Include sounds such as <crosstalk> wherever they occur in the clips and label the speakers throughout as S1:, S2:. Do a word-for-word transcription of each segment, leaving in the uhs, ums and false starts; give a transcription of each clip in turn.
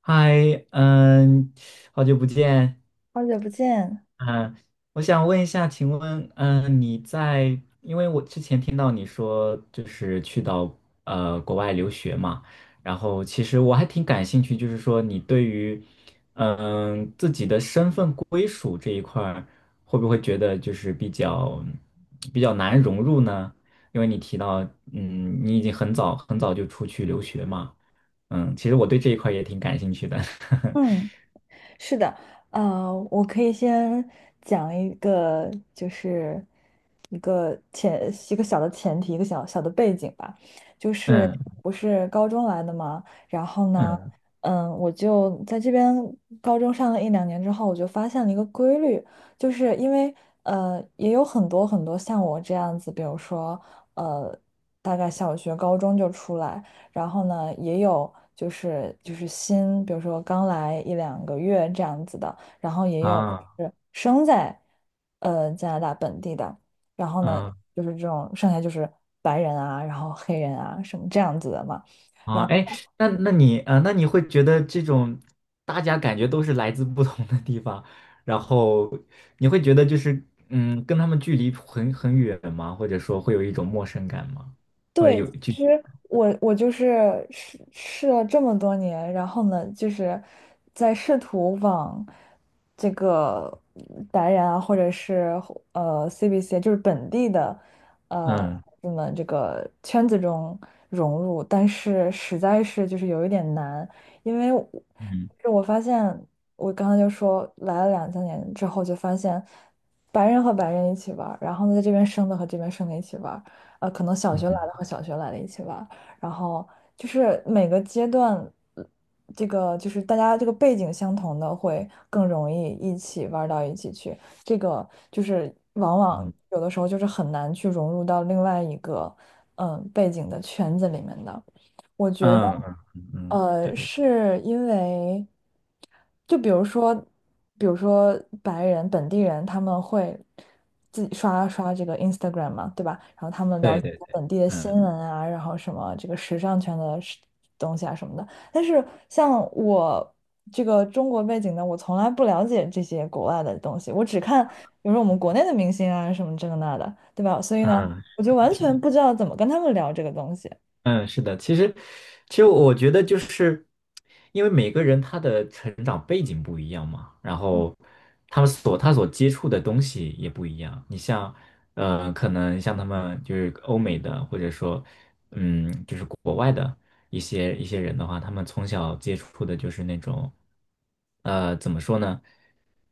S1: 嗨，嗯，好久不见。
S2: 好久不见。
S1: 嗯，我想问一下，请问，嗯，你在，因为我之前听到你说就是去到呃国外留学嘛。然后其实我还挺感兴趣，就是说你对于嗯自己的身份归属这一块儿，会不会觉得就是比较比较难融入呢？因为你提到，嗯，你已经很早很早就出去留学嘛。嗯，其实我对这一块儿也挺感兴趣的。
S2: 嗯，是的。呃，我可以先讲一个，就是一个前一个小的前提，一个小小的背景吧，就
S1: <laughs>
S2: 是
S1: 嗯。
S2: 不是高中来的嘛。然后呢，
S1: 嗯
S2: 嗯，我就在这边高中上了一两年之后，我就发现了一个规律。就是因为呃，也有很多很多像我这样子，比如说呃，大概小学、高中就出来。然后呢，也有就是就是新，比如说刚来一两个月这样子的，然后也有
S1: 啊
S2: 就是生在呃加拿大本地的，然后呢，
S1: 啊
S2: 就是这种剩下就是白人啊，然后黑人啊什么这样子的嘛。然
S1: 啊！哎，
S2: 后。
S1: 那那你啊，呃那你会觉得这种大家感觉都是来自不同的地方，然后你会觉得就是嗯，跟他们距离很很远吗？或者说会有一种陌生感吗？或者
S2: 对，
S1: 有就
S2: 其实我我就是试试了这么多年，然后呢，就是在试图往这个白人啊，或者是呃 C B C,就是本地的呃
S1: 嗯
S2: 那么这个圈子中融入，但是实在是就是有一点难。因为我
S1: 嗯
S2: 就我发现我刚刚就说来了两三年之后，就发现白人和白人一起玩儿，然后呢在这边生的和这边生的一起玩。呃，可能小学来的
S1: 嗯
S2: 和小学来的一起玩儿，然后就是每个阶段，呃这个就是大家这个背景相同的会更容易一起玩儿到一起去，这个就是往往
S1: 嗯
S2: 有的时候就是很难去融入到另外一个嗯背景的圈子里面的。我觉得，
S1: 嗯嗯嗯，嗯
S2: 呃，
S1: 对
S2: 是因为。就比如说比如说白人本地人，他们会自己刷刷这个 Instagram 嘛，对吧？然后他们了
S1: 对
S2: 解
S1: 对对，
S2: 本地的新闻
S1: 嗯
S2: 啊，然后什么这个时尚圈的事东西啊什么的。但是像我这个中国背景的，我从来不了解这些国外的东西，我只看比如说我们国内的明星啊什么这个那的，对吧？所以呢，
S1: 嗯，
S2: 我就完
S1: 是
S2: 全
S1: 的。
S2: 不知道怎么跟他们聊这个东西。
S1: 嗯，是的。其实，其实我觉得就是因为每个人他的成长背景不一样嘛，然
S2: 嗯，
S1: 后他们所他所接触的东西也不一样。你像，呃，可能像他们就是欧美的，或者说，嗯，就是国外的一些一些人的话，他们从小接触的就是那种，呃，怎么说呢？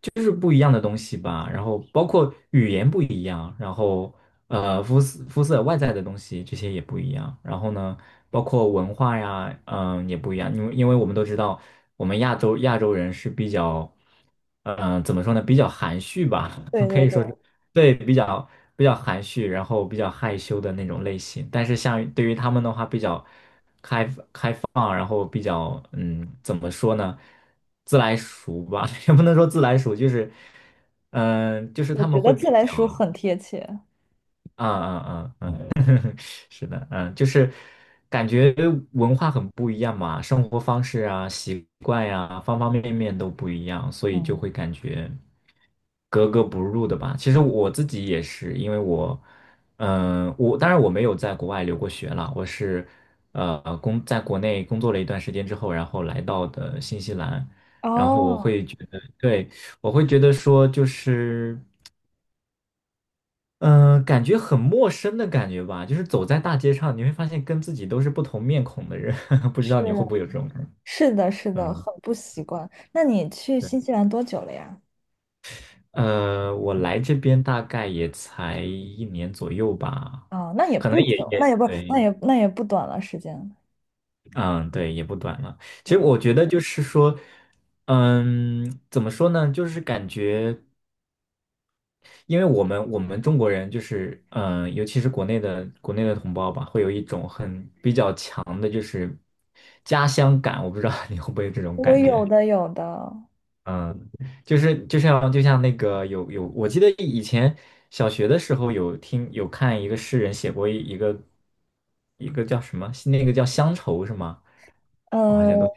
S1: 就是不一样的东西吧。然后包括语言不一样，然后呃肤色肤色外在的东西这些也不一样。然后呢，包括文化呀，嗯、也不一样。因为因为我们都知道，我们亚洲亚洲人是比较，嗯、怎么说呢，比较含蓄吧。<laughs>
S2: 对
S1: 可
S2: 对
S1: 以
S2: 对，
S1: 说是对比较比较含蓄，然后比较害羞的那种类型。但是像对于他们的话，比较。啊，然后比较嗯，怎么说呢，自来熟吧。<laughs> 也不能说自来熟，就是嗯、呃就是
S2: 我
S1: 他
S2: 觉
S1: 们会
S2: 得自
S1: 比
S2: 来
S1: 较。
S2: 熟很贴切。
S1: 啊啊啊。<laughs> 是的。嗯，就是感觉文化很不一样嘛，生活方式啊、习惯呀、方方面面都不一样，所以就会
S2: 嗯。
S1: 感觉格格不入的吧。其实我自己也是，因为我，嗯、我当然我没有在国外留过学了，我是呃工在国内工作了一段时间之后，然后来到的新西兰。然后我
S2: 哦。
S1: 会觉得，对。我会觉得说就是。嗯、呃感觉很陌生的感觉吧，就是走在大街上，你会发现跟自己都是不同面孔的人。<laughs> 不知道你会
S2: 是。
S1: 不会有这种感觉？
S2: 是的，是的，
S1: 嗯，
S2: 很不习惯。那你去
S1: 对，
S2: 新西兰多久了呀？
S1: 呃，我来这边大概也才一年左右吧，
S2: 啊、那也
S1: 可能
S2: 不久，
S1: 也
S2: 那也
S1: 也
S2: 不，那
S1: 对。
S2: 也那也不短了时间。
S1: 嗯，对，也不短了。其实
S2: 对，
S1: 我觉得就是说，嗯，怎么说呢，就是感觉。因为我们我们中国人就是，嗯、尤其是国内的国内的同胞吧，会有一种很比较强的，就是家乡感。我不知道你会不会有这种
S2: 我
S1: 感
S2: 有
S1: 觉。
S2: 的有的。
S1: 嗯，就是就像就像那个有有，我记得以前小学的时候有听有看一个诗人写过一一个一个叫什么，那个叫乡愁是吗？我好
S2: 呃，
S1: 像都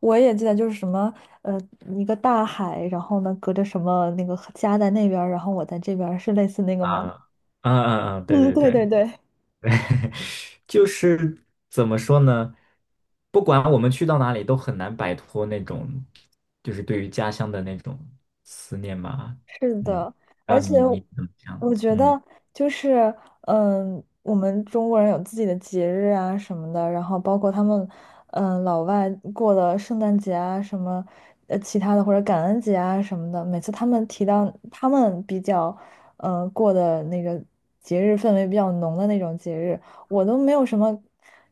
S2: 我也记得就是什么，呃，一个大海，然后呢，隔着什么那个家在那边儿，然后我在这边儿，是类似那个
S1: 啊
S2: 吗？
S1: 啊啊啊，对
S2: 嗯，
S1: 对
S2: 对对
S1: 对。
S2: 对。
S1: <laughs> 就是怎么说呢？不管我们去到哪里，都很难摆脱那种，就是对于家乡的那种思念吧。
S2: 是
S1: 嗯，
S2: 的，而
S1: 让
S2: 且
S1: 你你怎么想？
S2: 我觉
S1: 嗯
S2: 得就是，嗯，我们中国人有自己的节日啊什么的，然后包括他们，嗯，老外过的圣诞节啊什么，呃，其他的或者感恩节啊什么的，每次他们提到他们比较，嗯，过的那个节日氛围比较浓的那种节日，我都没有什么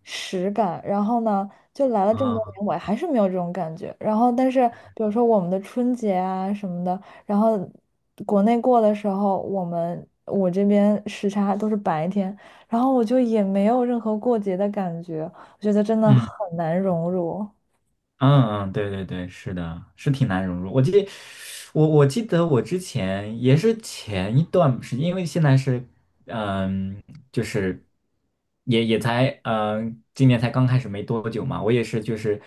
S2: 实感。然后呢，就来了这么多
S1: 啊，
S2: 年，我还是没有这种感觉。然后，但是比如说我们的春节啊什么的。然后国内过的时候，我们我这边时差都是白天，然后我就也没有任何过节的感觉，我觉得真的很
S1: 嗯
S2: 难融入。
S1: 嗯嗯，对对对，是的，是挺难融入。我记得，我我记得我之前也是前一段时间，因为现在是，嗯，就是也也才，嗯，今年才刚开始没多久嘛。我也是，就是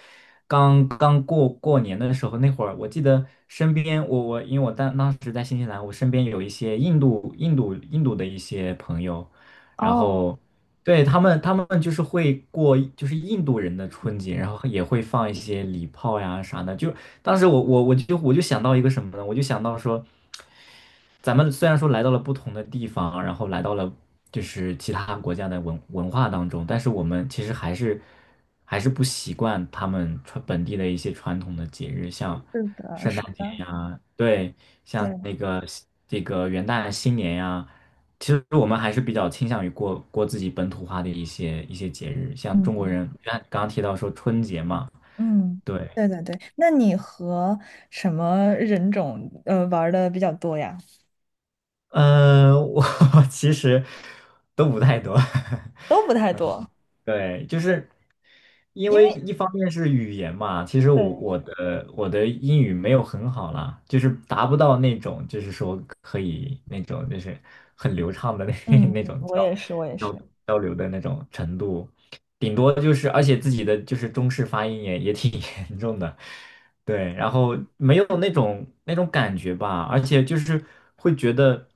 S1: 刚刚过过年的时候那会儿，我记得身边我我因为我当当时在新西兰，我身边有一些印度印度印度的一些朋友，然
S2: 哦，
S1: 后。对，他们，他们就是会过，就是印度人的春节，然后也会放一些礼炮呀啥的。就当时我我我就我就想到一个什么呢？我就想到说，咱们虽然说来到了不同的地方，然后来到了就是其他国家的文文化当中，但是我们其实还是还是不习惯他们传本地的一些传统的节日，像
S2: 是的，
S1: 圣
S2: 是
S1: 诞节
S2: 的，
S1: 呀，对，像
S2: 对，
S1: 那个这个元旦、新年呀。其实我们还是比较倾向于过过自己本土化的一些一些节日，像中国
S2: 嗯
S1: 人，刚刚刚提到说春节嘛。
S2: 嗯，
S1: 对。
S2: 对对对。那你和什么人种呃玩的比较多呀？
S1: 呃，我 <laughs> 其实都不太多。<laughs>
S2: 都不太多，
S1: 对，就是因
S2: 因为
S1: 为一方面是语言嘛，其实我
S2: 对，
S1: 我的我的英语没有很好啦，就是达不到那种就是说可以那种就是很流畅的那 <laughs>
S2: 嗯，
S1: 那种
S2: 我
S1: 交
S2: 也是，我也
S1: 交
S2: 是，
S1: 交流的那种程度，顶多就是而且自己的就是中式发音也也挺 <laughs> 严重的。对，然后没有那种那种感觉吧，而且就是会觉得。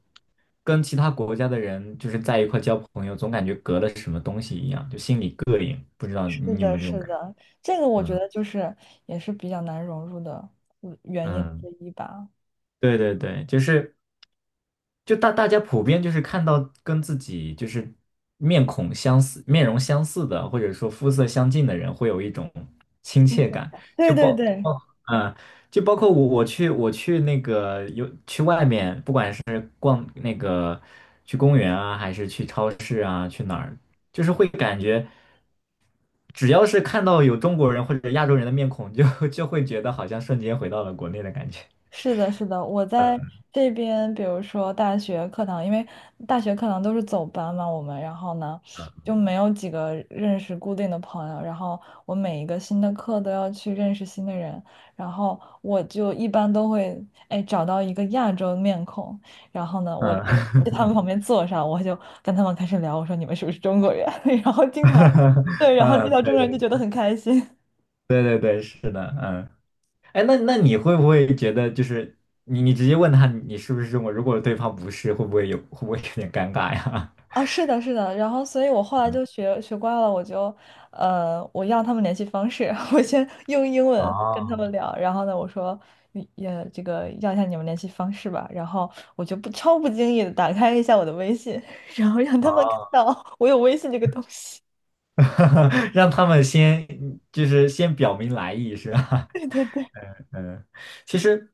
S1: 跟其他国家的人就是在一块交朋友，总感觉隔了什么东西一样，就心里膈应。不知道
S2: 是
S1: 你
S2: 的，
S1: 们这种
S2: 是
S1: 感觉。
S2: 的，这个我觉得就是也是比较难融入的呃，原因
S1: 嗯，
S2: 之一吧。
S1: 对对对，就是。就大大家普遍就是看到跟自己就是面孔相似、面容相似的，或者说肤色相近的人，会有一种亲切感。
S2: 对
S1: 就
S2: 对
S1: 包
S2: 对，
S1: 包嗯，就包括我我去我去那个有去外面，不管是逛那个去公园啊，还是去超市啊，去哪儿，就是会感觉只要是看到有中国人或者亚洲人的面孔，就就会觉得好像瞬间回到了国内的感觉。
S2: 是的，是的，我在这边，比如说大学课堂，因为大学课堂都是走班嘛，我们，然后呢，就没有几个认识固定的朋友，然后我每一个新的课都要去认识新的人，然后我就一般都会，哎，找到一个亚洲面孔，然后呢，我在他们
S1: 嗯。
S2: 旁
S1: <laughs>
S2: 边坐上，我就跟他们开始聊，我说你们是不是中国人？<laughs> 然后经常，
S1: <laughs>
S2: 对，然后遇
S1: 嗯，
S2: 到中
S1: 对
S2: 国人就
S1: 对
S2: 觉得很开心。
S1: 对对对，是的。嗯，哎，那那你会不会觉得就是你你直接问他你是不是中国人如果对方不是，会不会有会不会有点尴尬呀？
S2: 啊，是的，是的，然后所以我后
S1: <laughs>
S2: 来
S1: 嗯，
S2: 就学学乖了，我就，呃，我要他们联系方式，<laughs> 我先用英文跟他们
S1: 哦
S2: 聊，然后呢，我说，嗯也这个要一下你们联系方式吧，然后我就不超不经意的打开一下我的微信，<laughs> 然后让他们看
S1: 哦，
S2: 到我有微信这个东西，
S1: <laughs> 让他们先就是先表明来意是吧？
S2: <laughs> 对
S1: <laughs>
S2: 对对
S1: 嗯，其实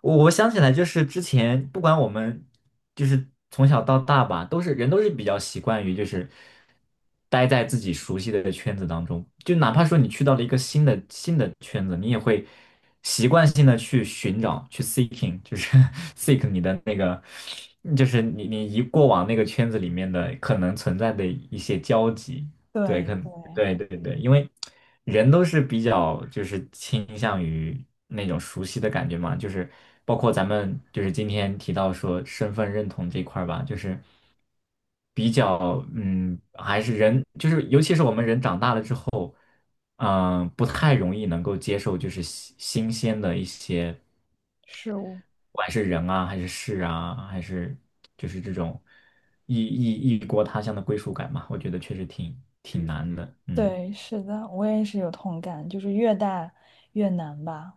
S1: 我我想起来，就是之前不管我们就是从小到大吧，都是人都是比较习惯于就是待在自己熟悉的圈子当中，就哪怕说你去到了一个新的新的圈子，你也会习惯性的去寻找，去 seeking，就是 <laughs> seek 你的那个，就是你你一过往那个圈子里面的可能存在的一些交集。对，
S2: 对
S1: 可能
S2: 对，
S1: 对对对。因为人都是比较就是倾向于那种熟悉的感觉嘛，就是包括咱们就是今天提到说身份认同这一块儿吧，就是比较嗯，还是人就是尤其是我们人长大了之后。嗯、不太容易能够接受，就是新新鲜的一些，
S2: 是我，
S1: 不管是人啊，还是事啊，还是就是这种异异异国他乡的归属感嘛，我觉得确实挺挺嗯难嗯的。嗯，
S2: 对，是的，我也是有同感，就是越大越难吧。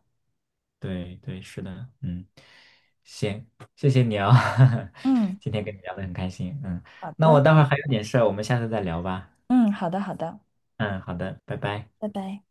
S1: 对对，是的。嗯，行，谢谢你啊、<laughs>
S2: 嗯，
S1: 今天跟你聊的很开心。嗯，
S2: 好
S1: 那我
S2: 的。
S1: 待会儿还有点事儿，我们下次再聊吧。
S2: 嗯，好的，好的，
S1: 嗯，好的，拜拜。
S2: 拜拜。